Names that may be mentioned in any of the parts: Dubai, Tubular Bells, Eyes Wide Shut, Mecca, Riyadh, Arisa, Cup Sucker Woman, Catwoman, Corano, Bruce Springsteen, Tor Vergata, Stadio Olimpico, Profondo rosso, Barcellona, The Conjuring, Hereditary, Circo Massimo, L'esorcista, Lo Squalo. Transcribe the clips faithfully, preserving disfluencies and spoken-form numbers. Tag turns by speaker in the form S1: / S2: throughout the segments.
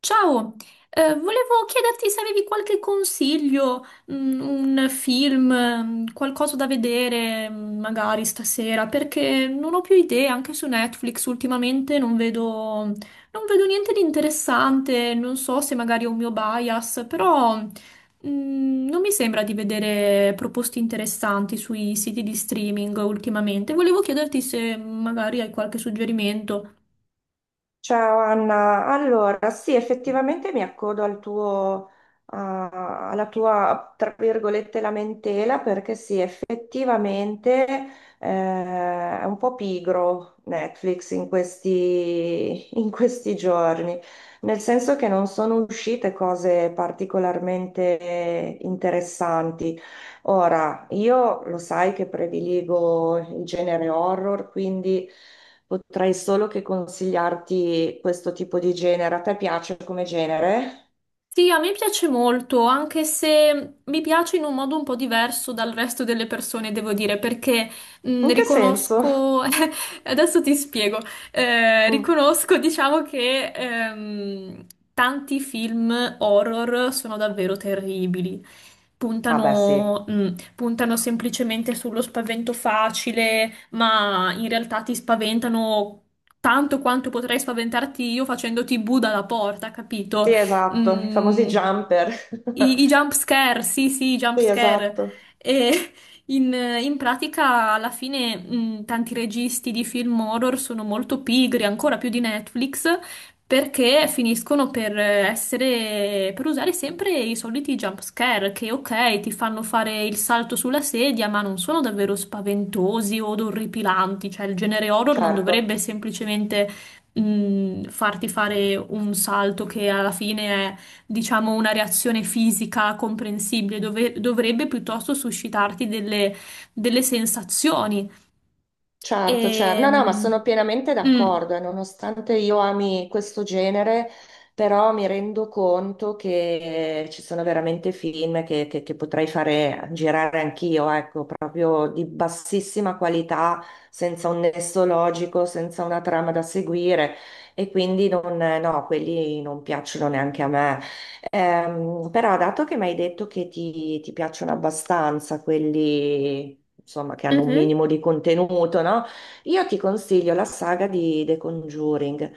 S1: Ciao, eh, volevo chiederti se avevi qualche consiglio, mm, un film, mm, qualcosa da vedere, mm, magari stasera, perché non ho più idee, anche su Netflix ultimamente non vedo, non vedo niente di interessante, non so se magari è un mio bias, però, mm, non mi sembra di vedere proposte interessanti sui siti di streaming ultimamente. Volevo chiederti se magari hai qualche suggerimento.
S2: Ciao Anna, allora sì, effettivamente mi accodo al tuo, a- alla tua, tra virgolette, lamentela perché sì, effettivamente eh, è un po' pigro Netflix in questi, in questi giorni, nel senso che non sono uscite cose particolarmente interessanti. Ora, io lo sai che prediligo il genere horror, quindi potrei solo che consigliarti questo tipo di genere. A te piace come genere?
S1: Sì, a me piace molto, anche se mi piace in un modo un po' diverso dal resto delle persone, devo dire, perché mh,
S2: In che senso?
S1: riconosco, adesso ti spiego. Eh,
S2: Mm.
S1: riconosco, diciamo che ehm, tanti film horror sono davvero terribili.
S2: Ah, beh, sì.
S1: Puntano, mh, puntano semplicemente sullo spavento facile, ma in realtà ti spaventano tanto quanto potrei spaventarti io facendoti bu dalla porta, capito?
S2: Sì, esatto, i famosi
S1: Mm,
S2: jumper.
S1: i, i jump scare, sì, sì, i jump
S2: Sì,
S1: scare.
S2: esatto,
S1: E in, in pratica, alla fine, mm, tanti registi di film horror sono molto pigri, ancora più di Netflix, perché finiscono per essere, per usare sempre i soliti jump scare, che ok, ti fanno fare il salto sulla sedia, ma non sono davvero spaventosi o orripilanti. Cioè, il genere horror non dovrebbe
S2: certo.
S1: semplicemente mh, farti fare un salto che alla fine è, diciamo, una reazione fisica comprensibile, dove- dovrebbe piuttosto suscitarti delle, delle sensazioni.
S2: Certo, certo, no, no, ma sono
S1: Ehm,
S2: pienamente
S1: mm,
S2: d'accordo e nonostante io ami questo genere, però mi rendo conto che ci sono veramente film che, che- che potrei fare girare anch'io, ecco, proprio di bassissima qualità, senza un nesso logico, senza una trama da seguire e quindi non, no, quelli non piacciono neanche a me. Ehm, però dato che mi hai detto che ti, ti piacciono abbastanza quelli, insomma, che hanno un
S1: mhm.
S2: minimo di contenuto, no? Io ti consiglio la saga di The Conjuring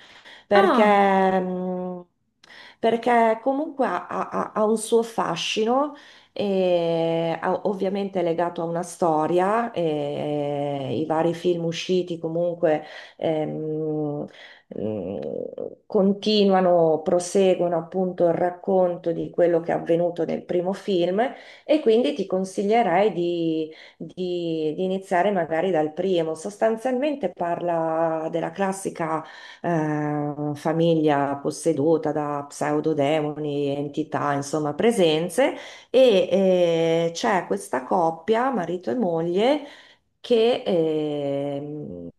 S1: Ah,
S2: perché, mm, perché comunque ha, ha- ha un suo fascino. E ha- ovviamente è legato a una storia, e i vari film usciti comunque ehm, mh, continuano, proseguono appunto il racconto di quello che è avvenuto nel primo film e quindi ti consiglierei di, di- di iniziare magari dal primo. Sostanzialmente parla della classica eh, famiglia posseduta da pseudodemoni, entità, insomma presenze e eh, c'è questa coppia, marito e moglie che ehm,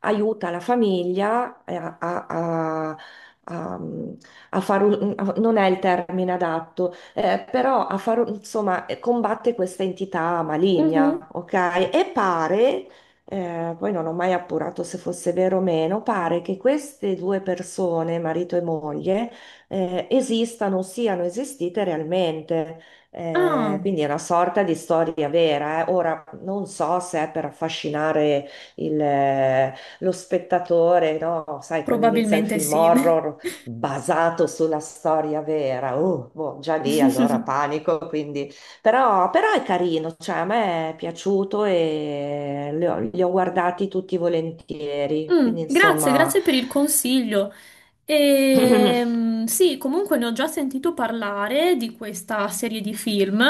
S2: aiuta la famiglia eh, a, a- a- a fare un, a- non è il termine adatto, eh, però a fare, un- insomma, eh, combatte questa entità
S1: mhm,
S2: maligna, ok? E pare, eh, poi non ho mai appurato se fosse vero o meno, pare che queste due persone, marito e moglie, eh, esistano, siano esistite realmente. Eh,
S1: ah,
S2: quindi è una sorta di storia vera. eh. Ora non so se è per affascinare il, eh, lo spettatore, no? Sai, quando inizia il
S1: probabilmente
S2: film
S1: sì.
S2: horror basato sulla storia vera, uh, boh, già lì allora panico. Quindi. Però, però è carino, cioè, a me è piaciuto e li ho, li ho guardati tutti volentieri. Quindi
S1: Mm, grazie,
S2: insomma.
S1: grazie per il consiglio. Ehm, sì, comunque ne ho già sentito parlare di questa serie di film.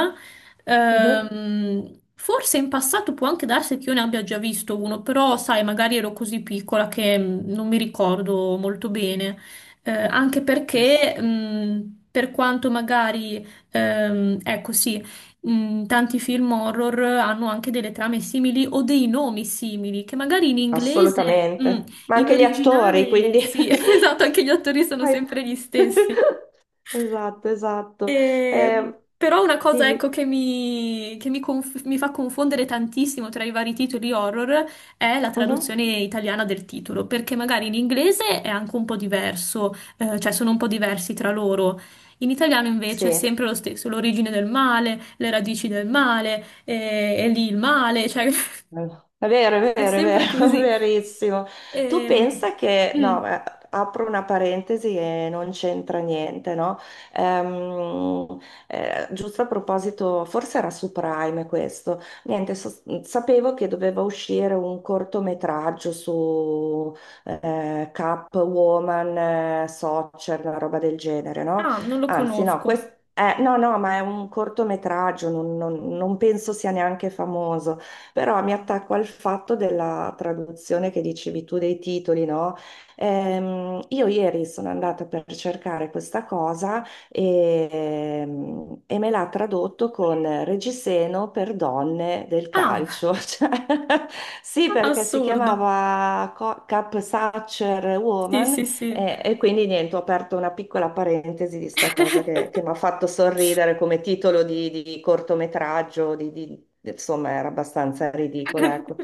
S2: Mhm.
S1: Ehm, forse in passato può anche darsi che io ne abbia già visto uno, però sai, magari ero così piccola che mm, non mi ricordo molto bene. Eh, anche perché, mm, per quanto magari, ehm, ecco sì, mh, tanti film horror hanno anche delle trame simili o dei nomi simili, che magari in inglese, mh,
S2: Assolutamente. Ma
S1: in
S2: anche gli attori,
S1: originale,
S2: quindi.
S1: sì, esatto, anche gli attori sono
S2: Vai.
S1: sempre gli stessi.
S2: Esatto, esatto.
S1: E-
S2: Eh,
S1: Però una cosa,
S2: dimmi.
S1: ecco, che mi, che mi conf- mi fa confondere tantissimo tra i vari titoli horror è la
S2: Mhm.
S1: traduzione italiana del titolo, perché magari in inglese è anche un po' diverso, eh, cioè sono un po' diversi tra loro. In italiano invece è
S2: Sì.
S1: sempre lo stesso, l'origine del male, le radici del male, e, e lì il male, cioè
S2: È vero, è
S1: è
S2: vero, è
S1: sempre
S2: vero,
S1: così.
S2: verissimo. Tu
S1: Ehm,
S2: pensa che, no,
S1: mm.
S2: eh, apro una parentesi e non c'entra niente, no? Ehm, eh, giusto a proposito, forse era su Prime questo. Niente, so- sapevo che doveva uscire un cortometraggio su eh, Catwoman, eh, Soccer, una roba del genere, no?
S1: Ah, non lo
S2: Anzi, no,
S1: conosco.
S2: questo... no, no, ma è un cortometraggio, non non- non penso sia neanche famoso, però mi attacco al fatto della traduzione che dicevi tu dei titoli, no? Ehm, io ieri sono andata per cercare questa cosa e, ehm, e me l'ha tradotto con Reggiseno per donne del
S1: Ah,
S2: calcio. Cioè, sì, perché si
S1: assurdo.
S2: chiamava Co- Cup Sucker
S1: Sì, sì,
S2: Woman,
S1: sì.
S2: e, e quindi niente, ho aperto una piccola parentesi di sta cosa che, che mi ha fatto sorridere come titolo di, di cortometraggio, di, di- insomma era abbastanza ridicola, ecco.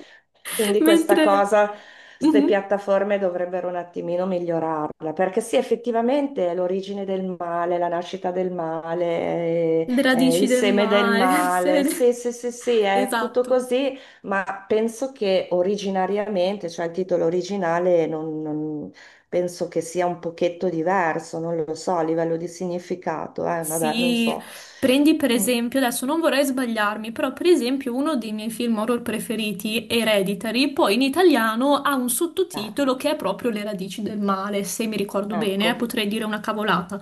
S2: Quindi questa
S1: Mentre
S2: cosa, queste
S1: Mhm.
S2: piattaforme dovrebbero un attimino migliorarla, perché sì, effettivamente è l'origine del male, la nascita del male, eh,
S1: Le
S2: eh,
S1: radici
S2: il
S1: del
S2: seme del
S1: mare,
S2: male, sì,
S1: se-
S2: sì, sì, sì, è tutto
S1: esatto.
S2: così, ma penso che originariamente, cioè il titolo originale non... non- penso che sia un pochetto diverso, non lo so, a livello di significato, eh, vabbè, non
S1: Sì,
S2: so.
S1: prendi per
S2: Mm,
S1: esempio, adesso non vorrei sbagliarmi, però per esempio uno dei miei film horror preferiti, Hereditary, poi in italiano ha un
S2: eh,
S1: sottotitolo che è proprio Le radici del male, se mi ricordo bene,
S2: ecco.
S1: eh, potrei dire una cavolata.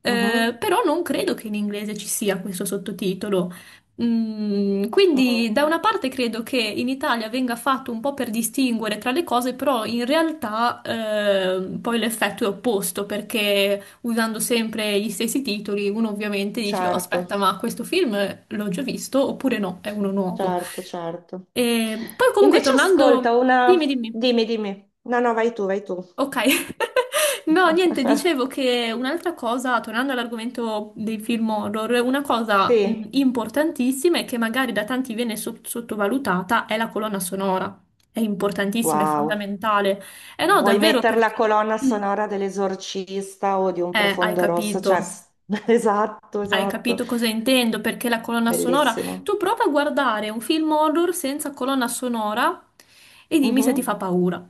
S1: Eh,
S2: Mhm.
S1: però non credo che in inglese ci sia questo sottotitolo. Mm, quindi
S2: Mm,
S1: da una parte credo che in Italia venga fatto un po' per distinguere tra le cose, però in realtà eh, poi l'effetto è opposto perché usando sempre gli stessi titoli, uno ovviamente dice: "Oh,
S2: certo,
S1: aspetta, ma questo film l'ho già visto oppure no, è uno nuovo?"
S2: certo, certo.
S1: E poi comunque
S2: Invece ascolta
S1: tornando,
S2: una...
S1: dimmi, dimmi.
S2: Dimmi, dimmi. No, no, vai tu, vai tu.
S1: Ok. No, niente, dicevo che un'altra cosa, tornando all'argomento dei film horror, una cosa mh,
S2: Sì.
S1: importantissima e che magari da tanti viene so- sottovalutata è la colonna sonora. È importantissima, è
S2: Wow.
S1: fondamentale. Eh no,
S2: Vuoi
S1: davvero
S2: mettere la
S1: perché
S2: colonna
S1: mm,
S2: sonora dell'esorcista o di un
S1: eh, hai
S2: profondo rosso?
S1: capito.
S2: Cioè, s- esatto,
S1: Hai
S2: esatto.
S1: capito cosa intendo? Perché la colonna sonora. Tu
S2: Bellissimo.
S1: prova a guardare un film horror senza colonna sonora e dimmi se ti fa
S2: Mhm.
S1: paura.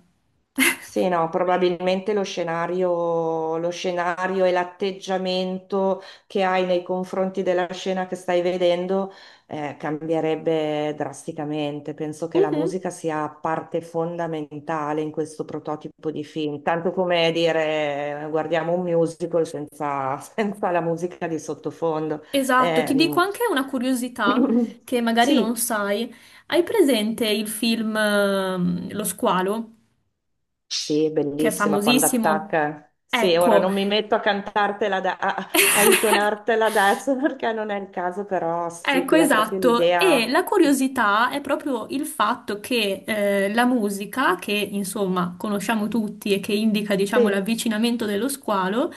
S2: Sì, no, probabilmente lo scenario, lo scenario e l'atteggiamento che hai nei confronti della scena che stai vedendo eh, cambierebbe drasticamente. Penso che la
S1: Mhm.
S2: musica sia parte fondamentale in questo prototipo di film, tanto come dire eh, guardiamo un musical senza, senza la musica di sottofondo.
S1: Esatto,
S2: Eh,
S1: ti dico anche una curiosità
S2: mm.
S1: che magari non
S2: Sì.
S1: sai. Hai presente il film ehm, Lo Squalo,
S2: Sì, è
S1: che è
S2: bellissima quando
S1: famosissimo?
S2: attacca. Sì, ora
S1: Ecco.
S2: non mi metto a cantartela, da- a, a intonartela adesso, perché non è il caso, però sì,
S1: Ecco,
S2: ti dà proprio
S1: esatto. E
S2: l'idea.
S1: la curiosità è proprio il fatto che eh, la musica, che insomma conosciamo tutti e che indica, diciamo,
S2: Sì,
S1: l'avvicinamento dello squalo,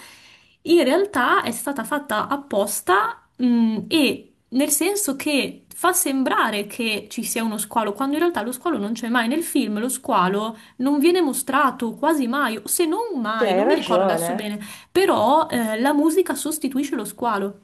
S1: in realtà è stata fatta apposta, mh, e nel senso che fa sembrare che ci sia uno squalo, quando in realtà lo squalo non c'è mai. Nel film lo squalo non viene mostrato quasi mai, o se non
S2: sì,
S1: mai,
S2: hai
S1: non mi ricordo adesso bene,
S2: ragione.
S1: però eh, la musica sostituisce lo squalo.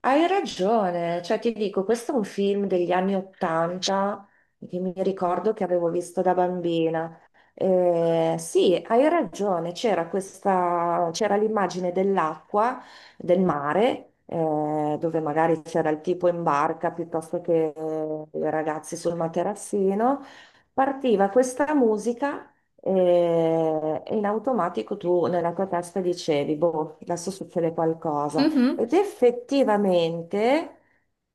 S2: Hai ragione, cioè ti dico, questo è un film degli anni Ottanta che mi ricordo che avevo visto da bambina. Eh, sì, hai ragione, c'era questa, c'era l'immagine dell'acqua, del mare, eh, dove magari c'era il tipo in barca piuttosto che eh, i ragazzi sul materassino. Partiva questa musica eh, e in automatico tu nella tua testa dicevi, boh, adesso succede qualcosa.
S1: Mhm,
S2: Ed effettivamente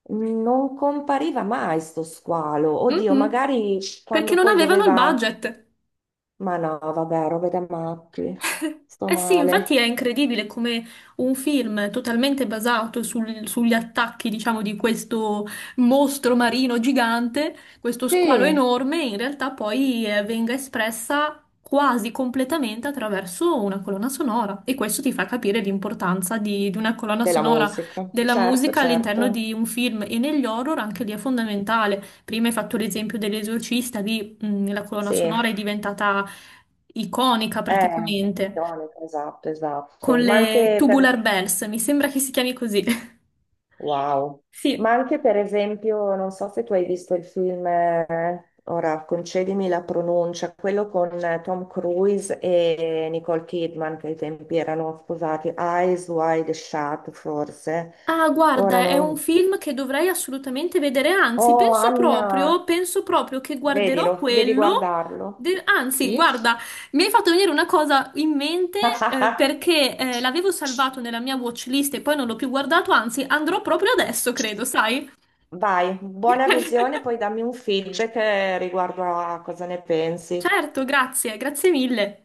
S2: non compariva mai sto squalo. Oddio,
S1: mhm.
S2: magari
S1: Perché
S2: quando
S1: non
S2: poi
S1: avevano il
S2: doveva...
S1: budget.
S2: Ma no, vabbè, robe da matti. Sto
S1: Eh sì, infatti è
S2: male.
S1: incredibile come un film totalmente basato sul- sugli attacchi, diciamo, di questo mostro marino gigante, questo squalo
S2: Sì,
S1: enorme, in realtà poi eh, venga espressa quasi completamente attraverso una colonna sonora. E questo ti fa capire l'importanza di, di una colonna
S2: della
S1: sonora
S2: musica.
S1: della
S2: Certo,
S1: musica all'interno
S2: certo.
S1: di un film, e negli horror anche lì è fondamentale. Prima hai fatto l'esempio dell'esorcista, lì mh, la colonna
S2: Sì. Eh,
S1: sonora è diventata iconica praticamente,
S2: elettronica, esatto, esatto.
S1: con
S2: Ma
S1: le
S2: anche per
S1: Tubular Bells, mi sembra che si chiami così.
S2: Wow. Ma
S1: Sì.
S2: anche per esempio, non so se tu hai visto il film, eh, ora concedimi la pronuncia, quello con eh, Tom Cruise e Nicole Kidman, che ai tempi erano sposati, Eyes Wide Shut forse.
S1: Ah,
S2: Ora
S1: guarda, è un
S2: non...
S1: film che dovrei assolutamente vedere, anzi,
S2: Oh,
S1: penso proprio,
S2: Anna,
S1: penso proprio che guarderò
S2: vedilo, devi
S1: quello.
S2: guardarlo.
S1: de- Anzi,
S2: Sì?
S1: guarda, mi hai fatto venire una cosa in mente, eh, perché eh, l'avevo salvato nella mia watchlist e poi non l'ho più guardato, anzi, andrò proprio adesso, credo, sai?
S2: Vai, buona visione, poi dammi un feedback eh, riguardo a cosa ne pensi.
S1: Certo, grazie, grazie mille.